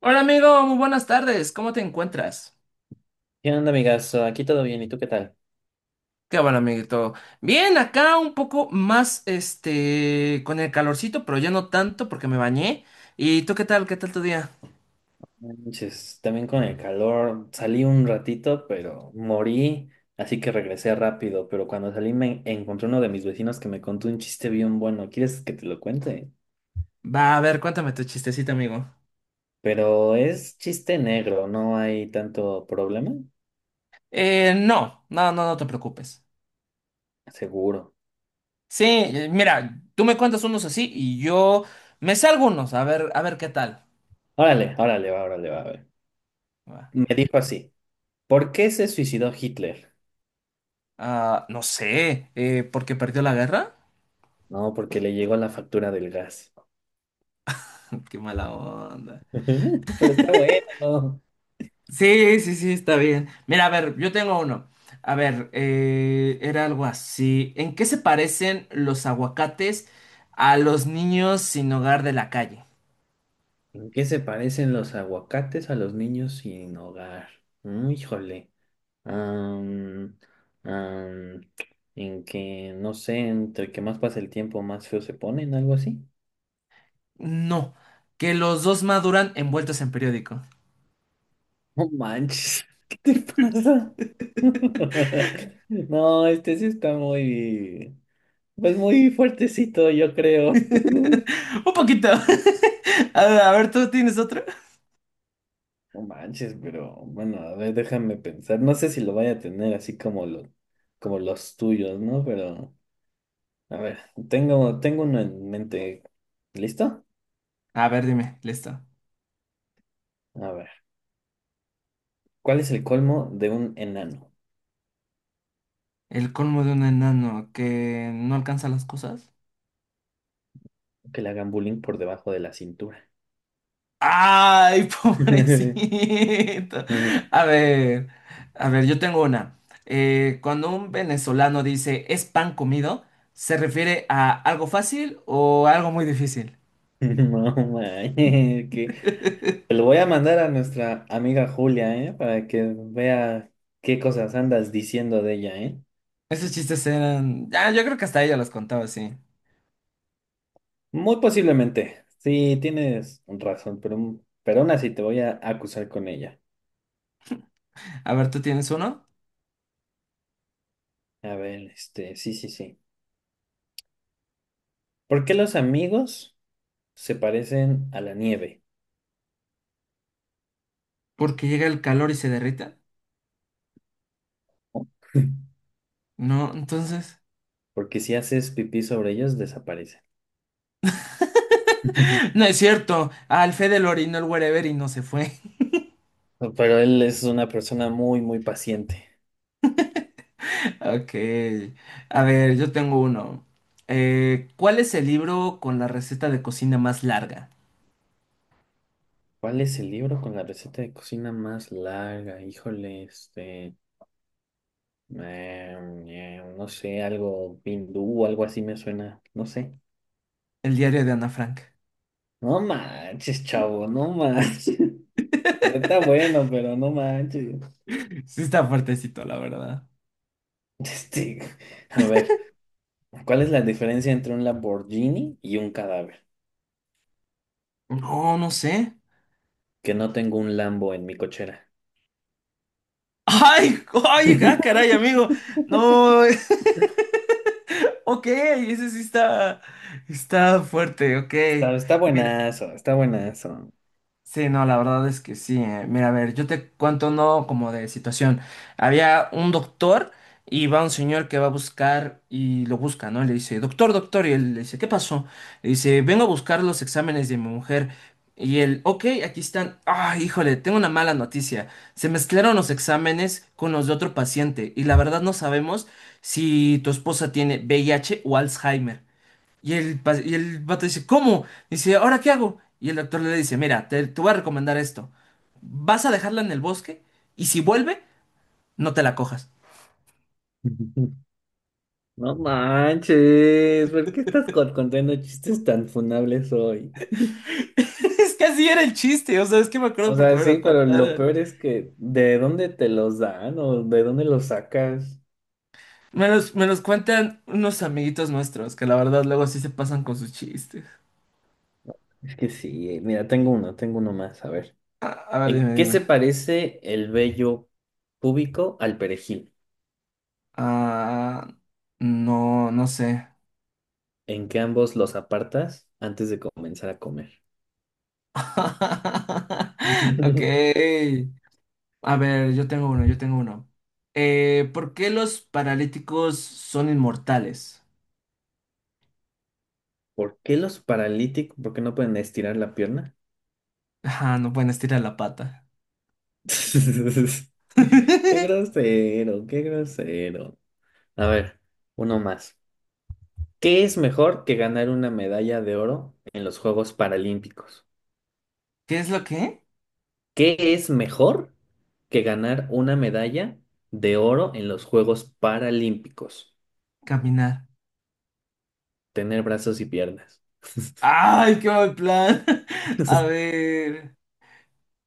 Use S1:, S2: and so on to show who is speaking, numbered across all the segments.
S1: Hola amigo, muy buenas tardes, ¿cómo te encuentras?
S2: ¿Qué onda, amigazo? Aquí todo bien, ¿y tú qué tal?
S1: Qué bueno amiguito. Bien, acá un poco más, con el calorcito, pero ya no tanto porque me bañé. ¿Y tú qué tal? ¿Qué tal tu día?
S2: No manches, también con el calor. Salí un ratito, pero morí, así que regresé rápido. Pero cuando salí me encontré uno de mis vecinos que me contó un chiste bien bueno. ¿Quieres que te lo cuente?
S1: Va, a ver, cuéntame tu chistecito, amigo.
S2: Pero es chiste negro, no hay tanto problema.
S1: No, no, no, no te preocupes.
S2: Seguro.
S1: Sí, mira, tú me cuentas unos así y yo me sé algunos, a ver qué tal.
S2: Órale, órale, va, a ver.
S1: Va.
S2: Me dijo así, ¿por qué se suicidó Hitler?
S1: Ah, no sé, ¿por qué perdió la guerra?
S2: No, porque le llegó la factura del gas.
S1: Qué mala onda.
S2: Pero está bueno.
S1: Sí, sí, sí, está bien. Mira, a ver, yo tengo uno. A ver, era algo así. ¿En qué se parecen los aguacates a los niños sin hogar de la calle?
S2: ¿En qué se parecen los aguacates a los niños sin hogar? Mm, híjole. Am, am, en que, no sé, entre que más pasa el tiempo, más feo se ponen, algo así.
S1: No, que los dos maduran envueltos en periódico.
S2: No manches, ¿qué te pasa? No, este sí está muy, pues muy fuertecito, yo creo.
S1: Un poquito. A ver, ¿tú tienes otro?
S2: No manches, pero bueno, a ver, déjame pensar. No sé si lo vaya a tener así como, lo, como los tuyos, ¿no? Pero... A ver, tengo uno en mente. ¿Listo?
S1: A ver, dime, listo.
S2: A ver, ¿cuál es el colmo de un enano?
S1: El colmo de un enano que no alcanza las cosas.
S2: Que le hagan bullying por debajo de la cintura.
S1: Ay, pobrecito.
S2: No,
S1: A ver, a ver, yo tengo una. Cuando un venezolano dice es pan comido, ¿se refiere a algo fácil o algo muy difícil?
S2: ma, que te lo voy a mandar a nuestra amiga Julia, ¿eh? Para que vea qué cosas andas diciendo de ella, ¿eh?
S1: Esos chistes eran... Ah, yo creo que hasta ella los contaba, sí.
S2: Muy posiblemente. Sí, tienes razón, pero aún así te voy a acusar con ella.
S1: A ver, ¿tú tienes uno?
S2: A ver, este, sí, sí, sí. ¿Por qué los amigos se parecen a la nieve?
S1: Porque llega el calor y se derrita. No, entonces...
S2: Porque si haces pipí sobre ellos, desaparecen.
S1: No es cierto. Al Fede lo orinó el wherever y no se fue.
S2: Pero él es una persona muy, muy paciente.
S1: Ok. A ver, yo tengo uno. ¿Cuál es el libro con la receta de cocina más larga?
S2: ¿Cuál es el libro con la receta de cocina más larga? Híjole, este, no sé, algo hindú, algo así me suena, no sé.
S1: El diario de Ana Frank.
S2: No manches, chavo, no manches. Está bueno, pero no manches.
S1: Sí está fuertecito, la verdad.
S2: Este, a ver, ¿cuál es la diferencia entre un Lamborghini y un cadáver?
S1: No, no sé.
S2: Que no tengo un Lambo en mi cochera.
S1: ¡Ay! ¡Ay! ¡Ah, caray, amigo! No. Ok, está fuerte, ok.
S2: Está, está
S1: Mira.
S2: buenazo, está buenazo.
S1: Sí, no, la verdad es que sí. Mira, a ver, yo te cuento no como de situación. Había un doctor y va un señor que va a buscar y lo busca, ¿no? Le dice, doctor, doctor, y él le dice, ¿qué pasó? Le dice, vengo a buscar los exámenes de mi mujer. Y él, ok, aquí están. Ah, híjole, tengo una mala noticia. Se mezclaron los exámenes con los de otro paciente y la verdad no sabemos si tu esposa tiene VIH o Alzheimer. Y el vato dice, ¿cómo? Dice, ¿ahora qué hago? Y el doctor le dice, mira, te voy a recomendar esto. Vas a dejarla en el bosque y si vuelve, no te la cojas.
S2: No manches, ¿por qué estás con- contando chistes tan funables hoy?
S1: Es que así era el chiste, o sea, es que me
S2: O
S1: acuerdo porque
S2: sea,
S1: me lo
S2: sí, pero lo
S1: contaron.
S2: peor es que ¿de dónde te los dan o de dónde los sacas?
S1: Me los cuentan unos amiguitos nuestros que la verdad luego sí se pasan con sus chistes.
S2: Es que sí, mira, tengo uno más, a ver.
S1: A ver,
S2: ¿En
S1: dime,
S2: qué se
S1: dime.
S2: parece el vello púbico al perejil?
S1: Ah, no, no sé.
S2: ¿En qué ambos los apartas antes de comenzar a comer?
S1: Ok. A ver, yo tengo uno. ¿Por qué los paralíticos son inmortales?
S2: ¿Por qué los paralíticos, por qué no pueden estirar la pierna?
S1: Ah, no pueden estirar la pata.
S2: Qué
S1: ¿Qué
S2: grosero, qué grosero. A ver, uno más. ¿Qué es mejor que ganar una medalla de oro en los Juegos Paralímpicos?
S1: es lo que?
S2: ¿Qué es mejor que ganar una medalla de oro en los Juegos Paralímpicos?
S1: Caminar.
S2: Tener brazos y piernas.
S1: ¡Ay, qué mal plan! A ver,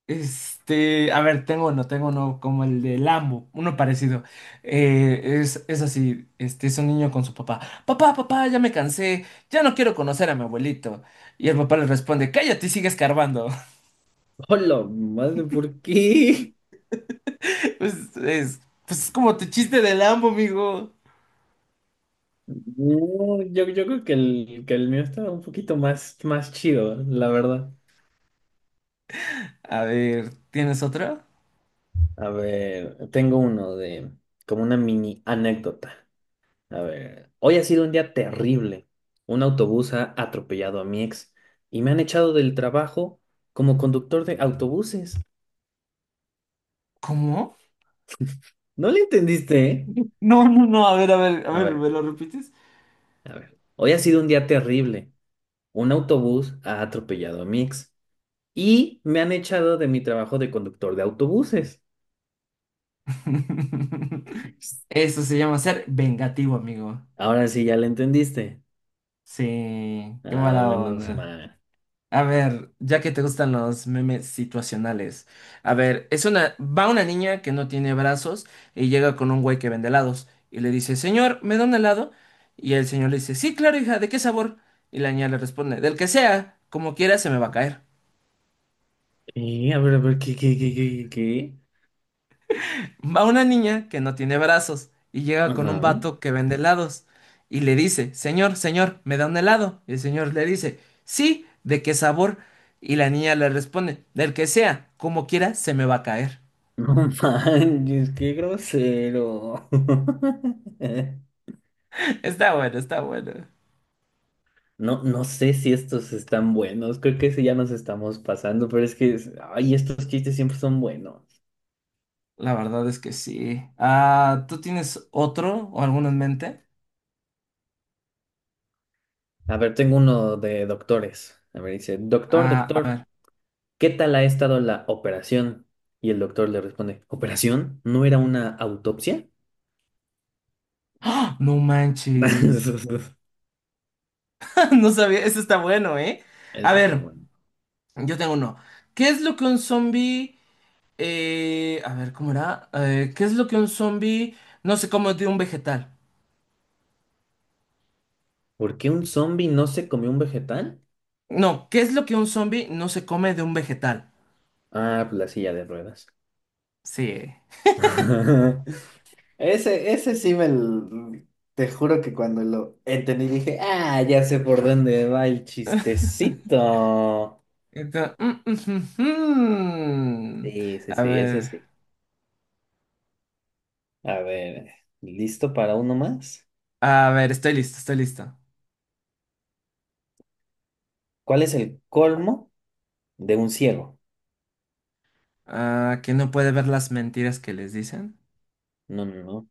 S1: a ver, tengo uno como el de Lambo, uno parecido. Es así, es un niño con su papá. Papá, papá, ya me cansé, ya no quiero conocer a mi abuelito. Y el papá le responde, cállate y sigue escarbando.
S2: Hola, madre, ¿por qué?
S1: Pues es, pues es como tu chiste del Lambo, amigo.
S2: No, yo creo que que el mío estaba un poquito más, más chido, la verdad.
S1: A ver, ¿tienes otra?
S2: A ver, tengo uno de como una mini anécdota. A ver, hoy ha sido un día terrible. Un autobús ha atropellado a mi ex y me han echado del trabajo como conductor de autobuses.
S1: ¿Cómo?
S2: ¿No le entendiste, eh?
S1: No, no, no, a
S2: A
S1: ver,
S2: ver,
S1: ¿me lo repites?
S2: a ver. Hoy ha sido un día terrible. Un autobús ha atropellado a mi ex y me han echado de mi trabajo de conductor de autobuses.
S1: Eso se llama ser vengativo, amigo.
S2: Ahora sí ya le entendiste.
S1: Sí, qué
S2: Ah,
S1: mala
S2: menos
S1: onda.
S2: mal.
S1: A ver, ya que te gustan los memes situacionales. A ver, va una niña que no tiene brazos y llega con un güey que vende helados y le dice, señor, ¿me da un helado? Y el señor le dice, sí, claro, hija, ¿de qué sabor? Y la niña le responde, del que sea, como quiera, se me va a caer.
S2: A ver, a ver, ¿qué?
S1: Va una niña que no tiene brazos y llega con
S2: Ajá.
S1: un vato que vende helados y le dice, señor, señor, ¿me da un helado? Y el señor le dice, sí, ¿de qué sabor? Y la niña le responde, del que sea, como quiera, se me va a caer.
S2: No manches, qué grosero.
S1: Está bueno, está bueno.
S2: No, no sé si estos están buenos. Creo que sí ya nos estamos pasando, pero es que, es- ay, estos chistes siempre son buenos.
S1: La verdad es que sí. Ah, ¿tú tienes otro o alguno en mente?
S2: A ver, tengo uno de doctores. A ver, dice, doctor,
S1: Ah, a
S2: doctor,
S1: ver.
S2: ¿qué tal ha estado la operación? Y el doctor le responde, ¿operación? ¿No era una autopsia?
S1: ¡Ah! No manches.
S2: Eso
S1: No sabía, eso está bueno, ¿eh? A
S2: Eso está
S1: ver,
S2: bueno.
S1: yo tengo uno. ¿Qué es lo que un zombie... a ver, ¿cómo era? ¿Qué es lo que un zombie no se come de un vegetal?
S2: ¿Por qué un zombie no se comió un vegetal?
S1: No, ¿qué es lo que un zombie no se come de un vegetal?
S2: Ah, pues la silla de ruedas.
S1: Sí.
S2: Ese sí me... l- Te juro que cuando lo entendí dije, ah, ya sé por dónde va el chistecito.
S1: Entonces, mm, mm, mm.
S2: Sí, sí,
S1: A
S2: sí, ese
S1: ver,
S2: sí. A ver, ¿listo para uno más?
S1: a ver, estoy listo, estoy listo.
S2: ¿Cuál es el colmo de un ciego?
S1: Ah, que no puede ver las mentiras que les dicen.
S2: No, no, no.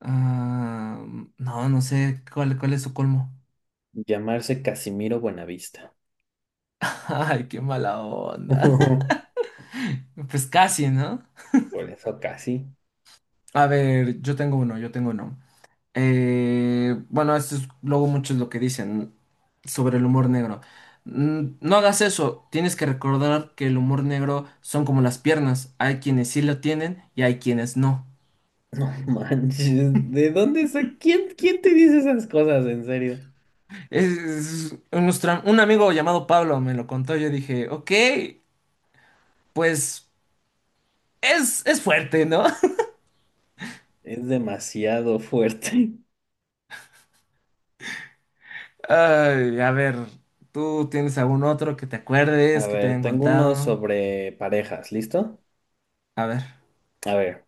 S1: Ah, no, no sé cuál es su colmo.
S2: Llamarse Casimiro Buenavista.
S1: Ay, qué mala onda. Pues casi, ¿no?
S2: Por eso casi.
S1: A ver, yo tengo uno. Bueno, esto es luego mucho es lo que dicen sobre el humor negro. No hagas eso, tienes que recordar que el humor negro son como las piernas. Hay quienes sí lo tienen y hay quienes no.
S2: No manches, ¿de dónde sa- ¿Quién, quién te dice esas cosas, en serio?
S1: Un amigo llamado Pablo me lo contó, yo dije, ok, pues. Es fuerte, ¿no?
S2: Es demasiado fuerte.
S1: Ay, a ver, ¿tú tienes algún otro que te
S2: A
S1: acuerdes, que te
S2: ver,
S1: hayan
S2: tengo uno
S1: contado?
S2: sobre parejas, ¿listo?
S1: A ver.
S2: A ver,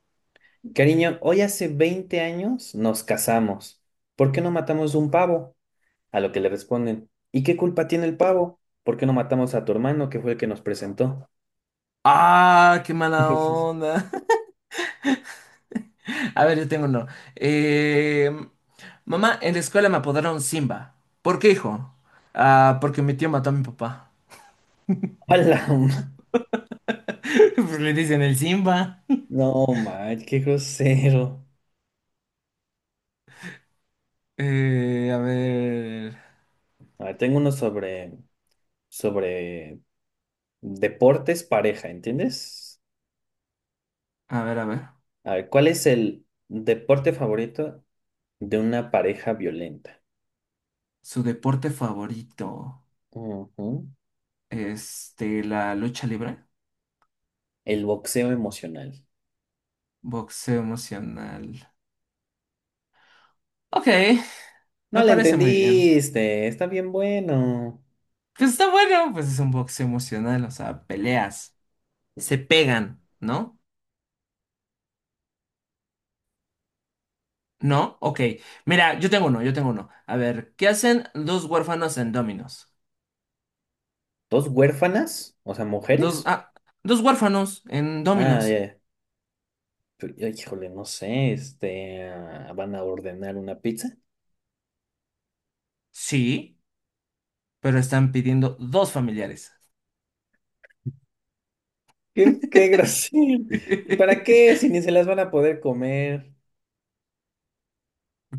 S2: cariño, hoy hace 20 años nos casamos. ¿Por qué no matamos un pavo? A lo que le responden, ¿y qué culpa tiene el pavo? ¿Por qué no matamos a tu hermano que fue el que nos presentó?
S1: ¡Ah, qué mala onda! A ver, yo tengo uno. Eh, mamá, en la escuela me apodaron Simba. ¿Por qué, hijo? Ah, porque mi tío mató a mi papá.
S2: ¡Hala!
S1: Pues le dicen el Simba.
S2: No, man, qué grosero.
S1: Eh, a ver,
S2: A ver, tengo uno sobre deportes pareja, ¿entiendes?
S1: a ver.
S2: A ver, ¿cuál es el deporte favorito de una pareja violenta?
S1: Su deporte favorito.
S2: Ujú.
S1: La lucha libre.
S2: El boxeo emocional.
S1: Boxeo emocional. Ok. Me
S2: No le
S1: parece muy bien.
S2: entendiste, está bien bueno.
S1: Pues está bueno, pues es un boxeo emocional, o sea, peleas, se pegan, ¿no? ¿No? Ok. Mira, yo tengo uno. A ver, ¿qué hacen dos huérfanos en Dominos?
S2: ¿Dos huérfanas? O sea,
S1: Dos,
S2: mujeres.
S1: ah, dos huérfanos en
S2: Ah,
S1: Dominos.
S2: ya. Pero, ay, híjole, no sé, este, ah, van a ordenar una pizza.
S1: Sí, pero están pidiendo dos familiares.
S2: Qué, qué grosero. ¿Para qué? Si ni se las van a poder comer.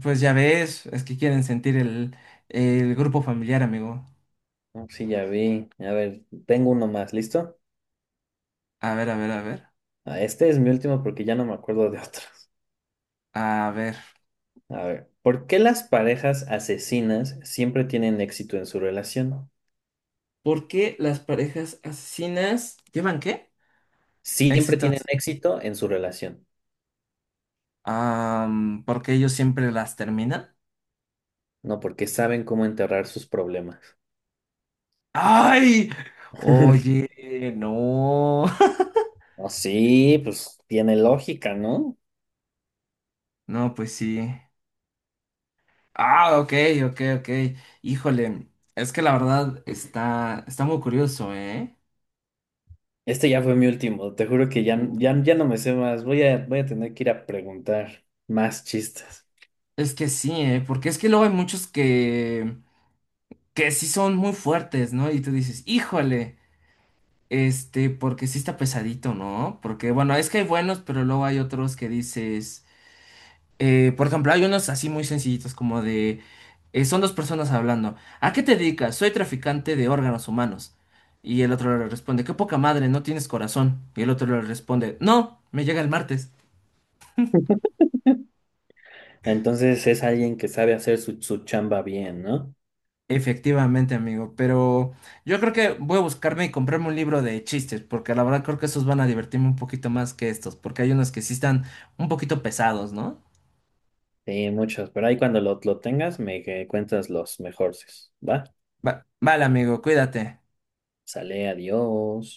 S1: Pues ya ves, es que quieren sentir el grupo familiar, amigo.
S2: No, sí, ya vi. A ver, tengo uno más, ¿listo?
S1: A ver.
S2: Ah, este es mi último porque ya no me acuerdo de otros.
S1: A ver.
S2: A ver, ¿por qué las parejas asesinas siempre tienen éxito en su relación?
S1: ¿Por qué las parejas asesinas llevan qué?
S2: Siempre
S1: Existan
S2: tienen éxito en su relación.
S1: Porque ellos siempre las terminan.
S2: No, porque saben cómo enterrar sus problemas.
S1: ¡Ay! Oye, no.
S2: No, sí, pues tiene lógica, ¿no?
S1: No, pues sí. Ah, ok, ok. Híjole, es que la verdad está muy curioso, ¿eh?
S2: Este ya fue mi último, te juro que ya,
S1: Mm,
S2: ya, ya no me sé más, voy a, voy a tener que ir a preguntar más chistes.
S1: Es que sí, ¿eh? Porque es que luego hay muchos que sí son muy fuertes, ¿no? Y tú dices, híjole, porque sí está pesadito, ¿no? Porque, bueno, es que hay buenos, pero luego hay otros que dices... por ejemplo, hay unos así muy sencillitos como de... son dos personas hablando. ¿A qué te dedicas? Soy traficante de órganos humanos. Y el otro le responde, qué poca madre, no tienes corazón. Y el otro le responde, no, me llega el martes.
S2: Entonces es alguien que sabe hacer su, su chamba bien, ¿no?
S1: Efectivamente, amigo, pero yo creo que voy a buscarme y comprarme un libro de chistes, porque la verdad creo que esos van a divertirme un poquito más que estos, porque hay unos que sí están un poquito pesados, ¿no?
S2: Sí, muchos, pero ahí cuando lo tengas me cuentas los mejores, ¿va?
S1: Vale, amigo, cuídate.
S2: Sale, adiós.